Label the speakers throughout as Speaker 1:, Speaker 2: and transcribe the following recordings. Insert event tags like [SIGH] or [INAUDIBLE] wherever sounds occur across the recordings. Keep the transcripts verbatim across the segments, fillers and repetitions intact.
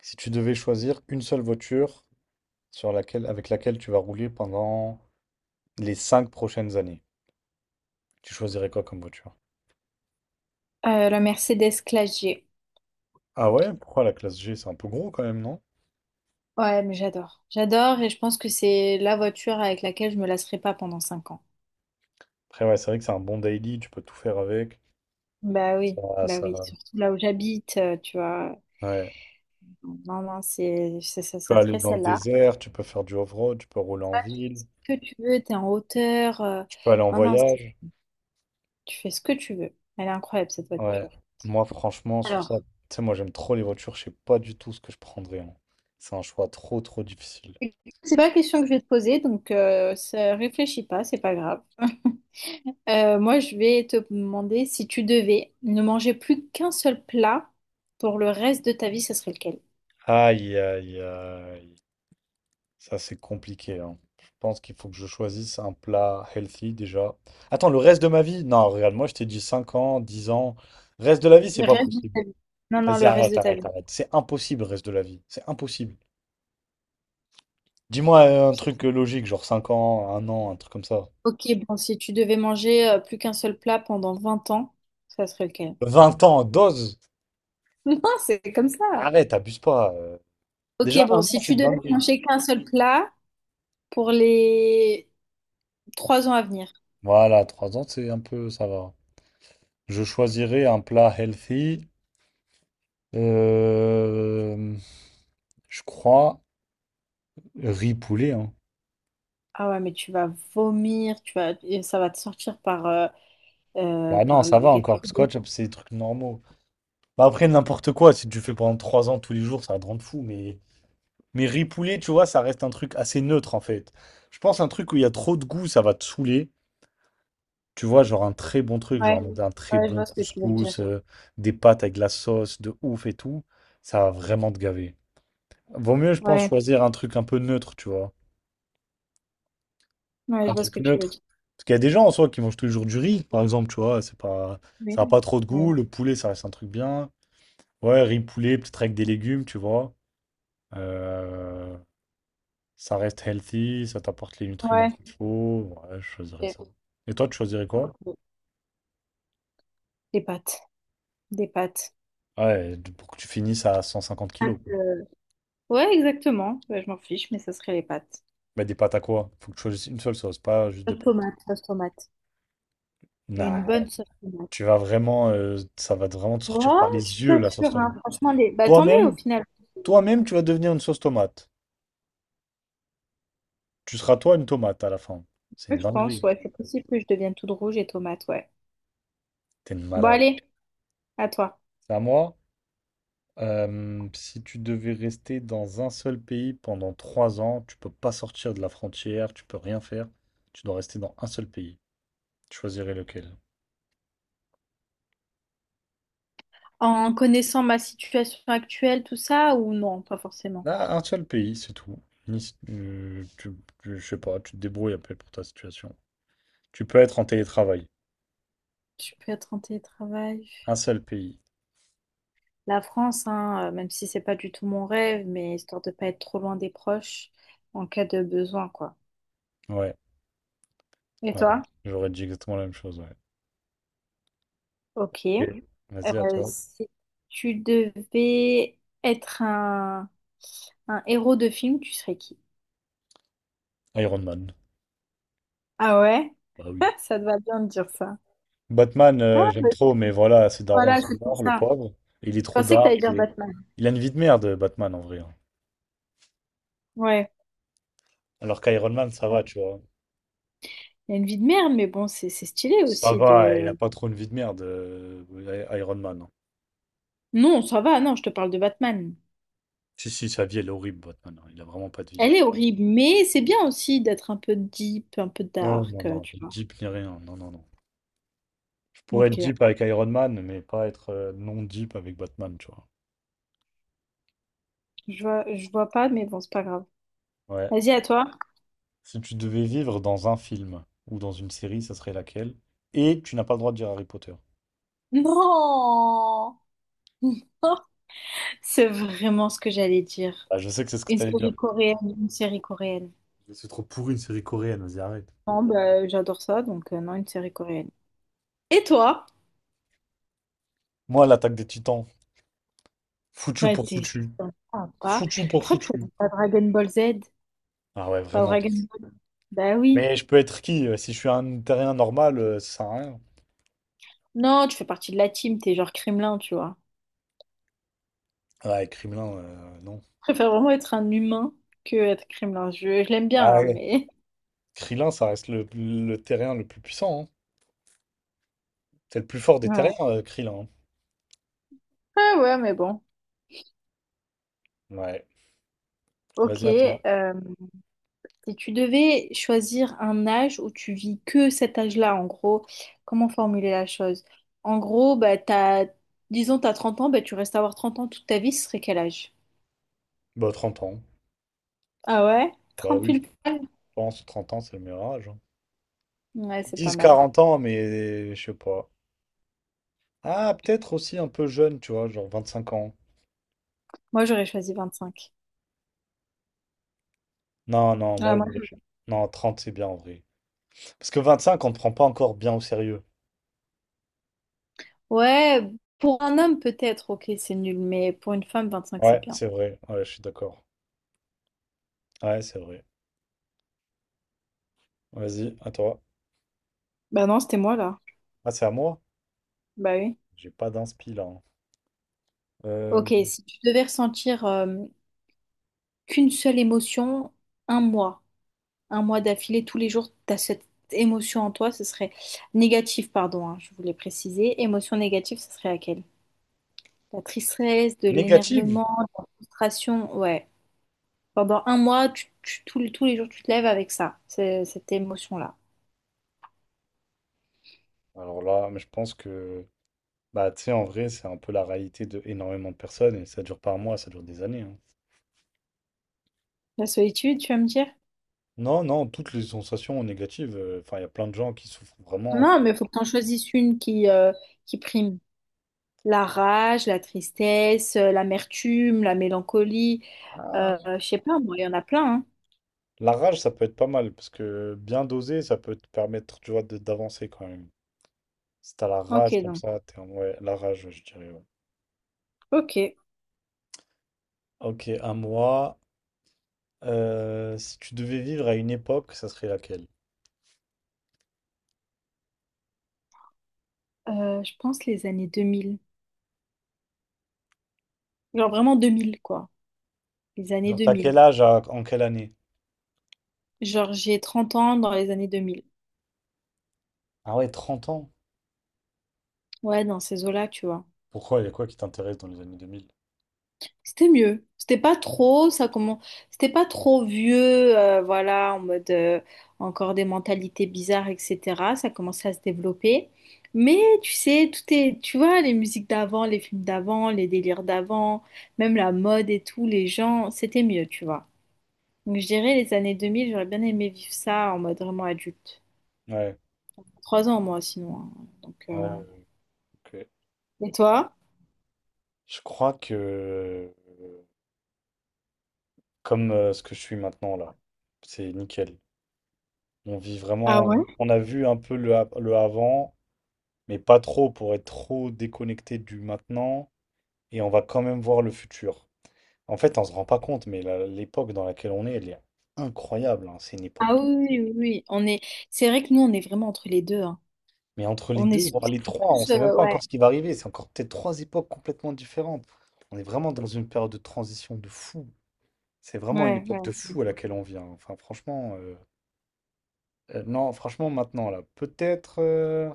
Speaker 1: Si tu devais choisir une seule voiture sur laquelle, avec laquelle tu vas rouler pendant les cinq prochaines années, tu choisirais quoi comme voiture?
Speaker 2: Euh, la Mercedes Classe G.
Speaker 1: Ah ouais, pourquoi la classe G, c'est un peu gros quand même, non?
Speaker 2: Ouais, mais j'adore. J'adore et je pense que c'est la voiture avec laquelle je me lasserai pas pendant cinq ans.
Speaker 1: Après ouais, c'est vrai que c'est un bon daily, tu peux tout faire avec.
Speaker 2: Bah oui,
Speaker 1: Ça,
Speaker 2: bah oui,
Speaker 1: ça.
Speaker 2: surtout là où j'habite, euh, tu vois.
Speaker 1: Ouais.
Speaker 2: Non, non, c'est, c'est- ça,
Speaker 1: Tu peux
Speaker 2: ça
Speaker 1: aller
Speaker 2: serait
Speaker 1: dans le
Speaker 2: celle-là.
Speaker 1: désert, tu peux faire du off-road, tu peux rouler en
Speaker 2: Ça, tu fais ce
Speaker 1: ville,
Speaker 2: que tu veux, t'es en hauteur. euh,
Speaker 1: tu peux aller en
Speaker 2: Non, non, c'est-
Speaker 1: voyage.
Speaker 2: tu fais ce que tu veux. Elle est incroyable, cette
Speaker 1: Ouais.
Speaker 2: voiture.
Speaker 1: Moi franchement sur ça,
Speaker 2: Alors,
Speaker 1: tu sais, moi j'aime trop les voitures, je sais pas du tout ce que je prendrais, hein. C'est un choix trop trop difficile.
Speaker 2: c'est pas la question que je vais te poser, donc euh, ça, réfléchis pas, c'est pas grave. [LAUGHS] Euh, moi, je vais te demander si tu devais ne manger plus qu'un seul plat pour le reste de ta vie, ce serait lequel?
Speaker 1: Aïe aïe aïe. Ça, c'est compliqué, hein. Je pense qu'il faut que je choisisse un plat healthy déjà. Attends, le reste de ma vie? Non, regarde, moi je t'ai dit cinq ans, dix ans. Reste de la vie, c'est
Speaker 2: Le
Speaker 1: pas
Speaker 2: reste de
Speaker 1: possible.
Speaker 2: ta vie. Non, non,
Speaker 1: Vas-y,
Speaker 2: le reste
Speaker 1: arrête,
Speaker 2: de ta
Speaker 1: arrête,
Speaker 2: vie.
Speaker 1: arrête. C'est impossible, reste de la vie. C'est impossible. Dis-moi euh, un truc euh, logique, genre cinq ans, un an, un truc comme ça.
Speaker 2: Ok, bon, si tu devais manger euh, plus qu'un seul plat pendant vingt ans, ça serait lequel? [LAUGHS]
Speaker 1: Vingt ans, dose.
Speaker 2: Non, c'est comme ça.
Speaker 1: Arrête, abuse pas. euh.
Speaker 2: Ok,
Speaker 1: Déjà, un
Speaker 2: bon,
Speaker 1: an,
Speaker 2: si
Speaker 1: c'est
Speaker 2: tu
Speaker 1: une
Speaker 2: devais
Speaker 1: dinguerie.
Speaker 2: manger qu'un seul plat pour les trois ans à venir.
Speaker 1: Voilà, trois ans, c'est un peu, ça va. Je choisirais un plat healthy. Euh, je crois riz poulet, hein.
Speaker 2: Ah ouais, mais tu vas vomir, tu vas, et ça va te sortir par, euh, euh,
Speaker 1: Bah non,
Speaker 2: par
Speaker 1: ça va
Speaker 2: les
Speaker 1: encore,
Speaker 2: trous.
Speaker 1: parce que Watch Up, c'est des trucs normaux. Bah après, n'importe quoi, si tu fais pendant trois ans tous les jours, ça va te rendre fou, mais. Mais riz poulet tu vois, ça reste un truc assez neutre, en fait. Je pense un truc où il y a trop de goût, ça va te saouler. Tu vois, genre un très bon truc,
Speaker 2: Ouais,
Speaker 1: genre un très
Speaker 2: ouais, je
Speaker 1: bon
Speaker 2: vois ce que tu veux dire.
Speaker 1: couscous, euh, des pâtes avec de la sauce, de ouf et tout, ça va vraiment te gaver. Vaut mieux, je pense,
Speaker 2: Ouais,
Speaker 1: choisir un truc un peu neutre, tu vois.
Speaker 2: ouais,
Speaker 1: Un
Speaker 2: je vois ce
Speaker 1: truc
Speaker 2: que tu veux
Speaker 1: neutre.
Speaker 2: dire.
Speaker 1: Parce qu'il y a des gens, en soi, qui mangent toujours du riz, par exemple, tu vois, c'est pas. Ça n'a
Speaker 2: Oui,
Speaker 1: pas trop de
Speaker 2: oui.
Speaker 1: goût, le poulet, ça reste un truc bien. Ouais, riz poulet, peut-être avec des légumes, tu vois. Euh, ça reste healthy, ça t'apporte les nutriments
Speaker 2: Ouais.
Speaker 1: qu'il faut. Ouais, je choisirais
Speaker 2: Ok.
Speaker 1: ça. Et toi, tu choisirais quoi?
Speaker 2: Ok. Des pâtes. Des pâtes.
Speaker 1: Ouais, de- pour que tu finisses à 150
Speaker 2: Pâtes,
Speaker 1: kilos.
Speaker 2: euh, ouais, exactement. Ouais, je m'en fiche, mais ça serait les pâtes.
Speaker 1: Bah, des pâtes à quoi? Faut que tu choisisses une seule sauce, pas juste des
Speaker 2: Sauce
Speaker 1: pâtes.
Speaker 2: tomate, sauce tomate. Et une
Speaker 1: Nah,
Speaker 2: bonne sauce tomate.
Speaker 1: tu vas vraiment, euh, ça va vraiment te sortir
Speaker 2: Oh,
Speaker 1: par
Speaker 2: je suis
Speaker 1: les yeux,
Speaker 2: pas
Speaker 1: la sauce
Speaker 2: sûre,
Speaker 1: tomate.
Speaker 2: hein. Franchement, les... Bah tant mieux au
Speaker 1: Toi-même,
Speaker 2: final.
Speaker 1: toi-même, tu vas devenir une sauce tomate. Tu seras toi une tomate à la fin. C'est
Speaker 2: Ouais,
Speaker 1: une
Speaker 2: je pense,
Speaker 1: dinguerie.
Speaker 2: ouais, c'est possible que je devienne toute rouge et tomate, ouais.
Speaker 1: T'es une
Speaker 2: Bon,
Speaker 1: malade.
Speaker 2: allez, à toi.
Speaker 1: C'est à moi? Euh, si tu devais rester dans un seul pays pendant trois ans, tu peux pas sortir de la frontière, tu peux rien faire, tu dois rester dans un seul pays. Tu choisirais lequel?
Speaker 2: En connaissant ma situation actuelle, tout ça, ou non, pas forcément.
Speaker 1: Ah, un seul pays, c'est tout. Ni- euh, tu, tu- je sais pas, tu te débrouilles après pour ta situation. Tu peux être en télétravail.
Speaker 2: Je peux être en télétravail.
Speaker 1: Un seul pays.
Speaker 2: La France, hein, euh, même si c'est pas du tout mon rêve, mais histoire de pas être trop loin des proches en cas de besoin, quoi.
Speaker 1: Ouais,
Speaker 2: Et
Speaker 1: ouais,
Speaker 2: toi?
Speaker 1: ouais. J'aurais dit exactement la même chose, ouais.
Speaker 2: Ok.
Speaker 1: Ok. Vas-y, à
Speaker 2: Euh,
Speaker 1: toi.
Speaker 2: si tu devais être un, un héros de film, tu serais qui?
Speaker 1: Iron Man.
Speaker 2: Ah ouais?
Speaker 1: Bah oui.
Speaker 2: [LAUGHS] Ça te va bien de dire ça.
Speaker 1: Batman, euh,
Speaker 2: Ah,
Speaker 1: j'aime
Speaker 2: mais
Speaker 1: trop, mais voilà, ses darons, ils
Speaker 2: voilà,
Speaker 1: sont
Speaker 2: c'est pour
Speaker 1: morts, le
Speaker 2: ça.
Speaker 1: pauvre. Il est
Speaker 2: Je
Speaker 1: trop
Speaker 2: pensais que
Speaker 1: dark.
Speaker 2: t'allais dire
Speaker 1: et-
Speaker 2: Batman.
Speaker 1: Il a une vie de merde, Batman, en vrai, hein.
Speaker 2: Ouais.
Speaker 1: Alors qu'Iron Man, ça va, tu vois.
Speaker 2: Il y a une vie de merde, mais bon, c'est c'est stylé
Speaker 1: Ça
Speaker 2: aussi
Speaker 1: va, il a
Speaker 2: de...
Speaker 1: pas trop une vie de merde, euh, I- Iron Man, hein.
Speaker 2: Non, ça va, non, je te parle de Batman.
Speaker 1: Si, si, sa vie, elle est horrible, Batman, hein. Il a vraiment pas de vie, hein.
Speaker 2: Elle est horrible, mais c'est bien aussi d'être un peu deep, un peu
Speaker 1: Non, non,
Speaker 2: dark, euh,
Speaker 1: non.
Speaker 2: tu
Speaker 1: Ni
Speaker 2: vois.
Speaker 1: deep ni rien. Non, non, non. Je pourrais être
Speaker 2: Ok,
Speaker 1: deep avec Iron Man, mais pas être euh, non deep avec Batman, tu vois.
Speaker 2: je vois, je vois pas, mais bon, c'est pas grave.
Speaker 1: Ouais.
Speaker 2: Vas-y, à toi.
Speaker 1: Si tu devais vivre dans un film ou dans une série, ça serait laquelle? Et tu n'as pas le droit de dire Harry Potter.
Speaker 2: Non! [LAUGHS] C'est vraiment ce que j'allais dire.
Speaker 1: Ah, je sais que c'est ce que
Speaker 2: Une
Speaker 1: t'allais dire.
Speaker 2: série coréenne, une série coréenne.
Speaker 1: C'est trop pourri une série coréenne, vas-y, arrête.
Speaker 2: Non, bah, j'adore ça, donc euh, non, une série coréenne. Et toi?
Speaker 1: Moi, l'attaque des Titans. Foutu
Speaker 2: Ouais,
Speaker 1: pour
Speaker 2: t'es
Speaker 1: foutu.
Speaker 2: sympa.
Speaker 1: Foutu pour
Speaker 2: Pourquoi tu
Speaker 1: foutu.
Speaker 2: choisis pas Dragon Ball Z?
Speaker 1: Ah ouais,
Speaker 2: Pas
Speaker 1: vraiment.
Speaker 2: Dragon Ball? Bah oui.
Speaker 1: Mais je peux être qui? euh, Si je suis un terrien normal, euh, ça sert à rien.
Speaker 2: Non, tu fais partie de la team, t'es genre Kremlin, tu vois.
Speaker 1: Ouais, Krillin, euh, non.
Speaker 2: Préfère vraiment être un humain que être criminel. Je, je l'aime bien,
Speaker 1: Ah
Speaker 2: hein,
Speaker 1: ouais.
Speaker 2: mais. [LAUGHS]
Speaker 1: Krillin, ça reste le, le terrien le plus puissant, hein. C'est le plus fort des
Speaker 2: Ouais.
Speaker 1: terriens, euh, Krillin, hein.
Speaker 2: Ah ouais, mais bon.
Speaker 1: Ouais.
Speaker 2: Ok.
Speaker 1: Vas-y, à toi.
Speaker 2: Euh, si tu devais choisir un âge où tu vis que cet âge-là, en gros, comment formuler la chose? En gros, bah, t'as, disons, t'as trente ans, bah, tu restes à avoir trente ans toute ta vie, ce serait quel âge?
Speaker 1: Bah, trente ans.
Speaker 2: Ah ouais?
Speaker 1: Bah
Speaker 2: trente
Speaker 1: oui,
Speaker 2: pile
Speaker 1: je
Speaker 2: poil?
Speaker 1: pense trente ans, c'est le meilleur âge, hein.
Speaker 2: Ouais,
Speaker 1: Ils
Speaker 2: c'est pas
Speaker 1: disent
Speaker 2: mal.
Speaker 1: quarante ans, mais je sais pas. Ah, peut-être aussi un peu jeune, tu vois, genre vingt-cinq ans.
Speaker 2: Moi, j'aurais choisi vingt-cinq.
Speaker 1: Non, non,
Speaker 2: Ah,
Speaker 1: moi,
Speaker 2: moi-
Speaker 1: je- non, trente c'est bien en vrai. Parce que vingt-cinq, on ne te prend pas encore bien au sérieux.
Speaker 2: Ouais, pour un homme, peut-être, ok, c'est nul, mais pour une femme, vingt cinq c'est
Speaker 1: Ouais,
Speaker 2: bien.
Speaker 1: c'est vrai. Ouais, je suis d'accord. Ouais, c'est vrai. Vas-y, à toi.
Speaker 2: Bah non, c'était moi, là.
Speaker 1: Ah, c'est à moi?
Speaker 2: Bah oui.
Speaker 1: J'ai pas d'inspi là, hein. Euh,
Speaker 2: Ok, si tu devais ressentir euh, qu'une seule émotion, un mois, un mois d'affilée, tous les jours, tu as cette émotion en toi, ce serait négative, pardon, hein, je voulais préciser. Émotion négative, ce serait laquelle? La tristesse, de
Speaker 1: négative?
Speaker 2: l'énervement, de la frustration, ouais. Pendant un mois, tu- tu- tous les tous les jours, tu te lèves avec ça, c'est- cette émotion-là.
Speaker 1: Alors là, mais je pense que, bah, tu sais, en vrai, c'est un peu la réalité de énormément de personnes et ça dure pas un mois, ça dure des années, hein.
Speaker 2: La solitude, tu vas me dire?
Speaker 1: Non, non, toutes les sensations négatives. euh, Enfin, il y a plein de gens qui souffrent vraiment. et qui-
Speaker 2: Non, mais il faut que tu en choisisses une qui, euh, qui prime. La rage, la tristesse, euh, l'amertume, la mélancolie.
Speaker 1: Ah.
Speaker 2: Euh, je sais pas, moi, il y en a plein,
Speaker 1: La rage, ça peut être pas mal parce que bien dosé, ça peut te permettre, tu vois, de- d'avancer quand même. Si t'as la
Speaker 2: hein. Ok,
Speaker 1: rage comme
Speaker 2: donc.
Speaker 1: ça, t'es en, ouais, la rage, ouais, je dirais, ouais.
Speaker 2: Ok.
Speaker 1: Ok, à moi. Euh, si tu devais vivre à une époque, ça serait laquelle?
Speaker 2: Euh, je pense les années deux mille. Genre vraiment deux mille, quoi. Les années
Speaker 1: Genre, t'as
Speaker 2: deux mille.
Speaker 1: quel âge à- en quelle année?
Speaker 2: Genre, j'ai trente ans dans les années deux mille.
Speaker 1: Ah ouais, trente ans?
Speaker 2: Ouais, dans ces eaux-là, tu vois.
Speaker 1: Pourquoi? Il y a quoi qui t'intéresse dans les années deux mille?
Speaker 2: C'était mieux. C'était pas trop, ça comment... C'était pas trop vieux, euh, voilà, en mode euh, encore des mentalités bizarres, et cetera. Ça commençait à se développer. Mais tu sais, tout est, tu vois, les musiques d'avant, les films d'avant, les délires d'avant, même la mode et tout, les gens, c'était mieux, tu vois. Donc je dirais les années deux mille, j'aurais bien aimé vivre ça en mode vraiment adulte.
Speaker 1: Ouais,
Speaker 2: Trois ans moi sinon, hein. Donc
Speaker 1: ouais,
Speaker 2: euh,
Speaker 1: ouais, ok.
Speaker 2: et toi?
Speaker 1: Je crois que, euh, comme euh, ce que je suis maintenant là, c'est nickel. On vit
Speaker 2: Ah ouais?
Speaker 1: vraiment, on a vu un peu le, a- le avant, mais pas trop pour être trop déconnecté du maintenant, et on va quand même voir le futur. En fait, on se rend pas compte, mais la- l'époque dans laquelle on est, elle est incroyable, hein. C'est une époque
Speaker 2: Ah
Speaker 1: de.
Speaker 2: oui, oui, oui, oui. On est. C'est vrai que nous on est vraiment entre les deux, hein.
Speaker 1: Mais entre les
Speaker 2: On est
Speaker 1: deux,
Speaker 2: sous-
Speaker 1: voire les
Speaker 2: en
Speaker 1: trois, on ne
Speaker 2: plus
Speaker 1: sait même
Speaker 2: euh,
Speaker 1: pas
Speaker 2: ouais.
Speaker 1: encore ce qui va arriver. C'est encore peut-être trois époques complètement différentes. On est vraiment dans une période de transition de fou. C'est vraiment une
Speaker 2: Ouais, ouais.
Speaker 1: époque de fou à laquelle on vient. Enfin, franchement, euh, euh, non, franchement, maintenant, là, peut-être, euh,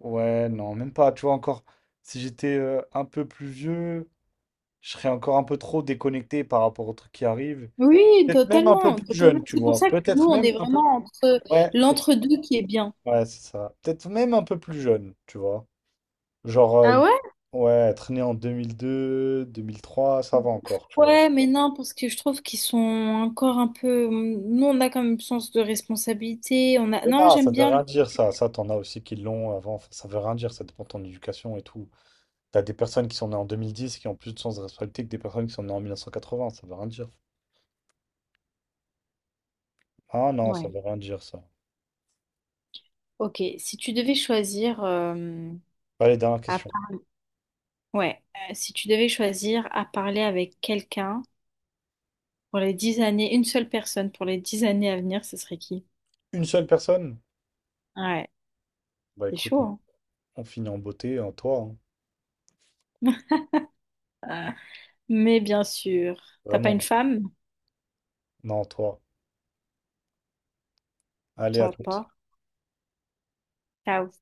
Speaker 1: ouais, non, même pas. Tu vois, encore, si j'étais euh, un peu plus vieux, je serais encore un peu trop déconnecté par rapport aux trucs qui arrivent.
Speaker 2: Oui,
Speaker 1: Peut-être même un peu
Speaker 2: totalement,
Speaker 1: plus
Speaker 2: totalement.
Speaker 1: jeune, tu
Speaker 2: C'est pour
Speaker 1: vois.
Speaker 2: ça que nous
Speaker 1: Peut-être
Speaker 2: on
Speaker 1: même,
Speaker 2: est
Speaker 1: un-
Speaker 2: vraiment entre
Speaker 1: ouais, peut-être-
Speaker 2: l'entre-deux qui est bien.
Speaker 1: ouais, c'est ça. Peut-être même un peu plus jeune, tu vois. Genre, euh,
Speaker 2: Ah ouais?
Speaker 1: ouais, traîner en deux mille deux deux mille mille trois ça va encore, tu vois.
Speaker 2: Ouais, mais non, parce que je trouve qu'ils sont encore un peu. Nous, on a quand même sens de responsabilité. On a.
Speaker 1: Mais
Speaker 2: Non,
Speaker 1: là, ça
Speaker 2: j'aime
Speaker 1: veut
Speaker 2: bien le.
Speaker 1: rien dire, ça. Ça, t'en as aussi qui l'ont avant. Enfin, ça veut rien dire, ça dépend de ton éducation et tout. T'as des personnes qui sont nées en deux mille dix qui ont plus de sens de responsabilité que des personnes qui sont nées en mille neuf cent quatre-vingts, ça veut rien dire. Ah non, ça
Speaker 2: Ouais.
Speaker 1: veut rien dire, ça.
Speaker 2: Ok, si tu devais choisir euh,
Speaker 1: Allez, dernière
Speaker 2: à
Speaker 1: question.
Speaker 2: par- ouais, euh, si tu devais choisir à parler avec quelqu'un pour les dix années, une seule personne pour les dix années à venir, ce serait qui?
Speaker 1: Une seule personne?
Speaker 2: Ouais,
Speaker 1: Bah
Speaker 2: c'est
Speaker 1: écoute,
Speaker 2: chaud,
Speaker 1: on,
Speaker 2: hein.
Speaker 1: on finit en beauté, en toi, hein.
Speaker 2: [LAUGHS] Euh, Mais bien sûr, t'as pas une
Speaker 1: Vraiment.
Speaker 2: femme?
Speaker 1: Non, toi. Allez,
Speaker 2: Ça
Speaker 1: à
Speaker 2: va
Speaker 1: tout.
Speaker 2: pas. Ciao.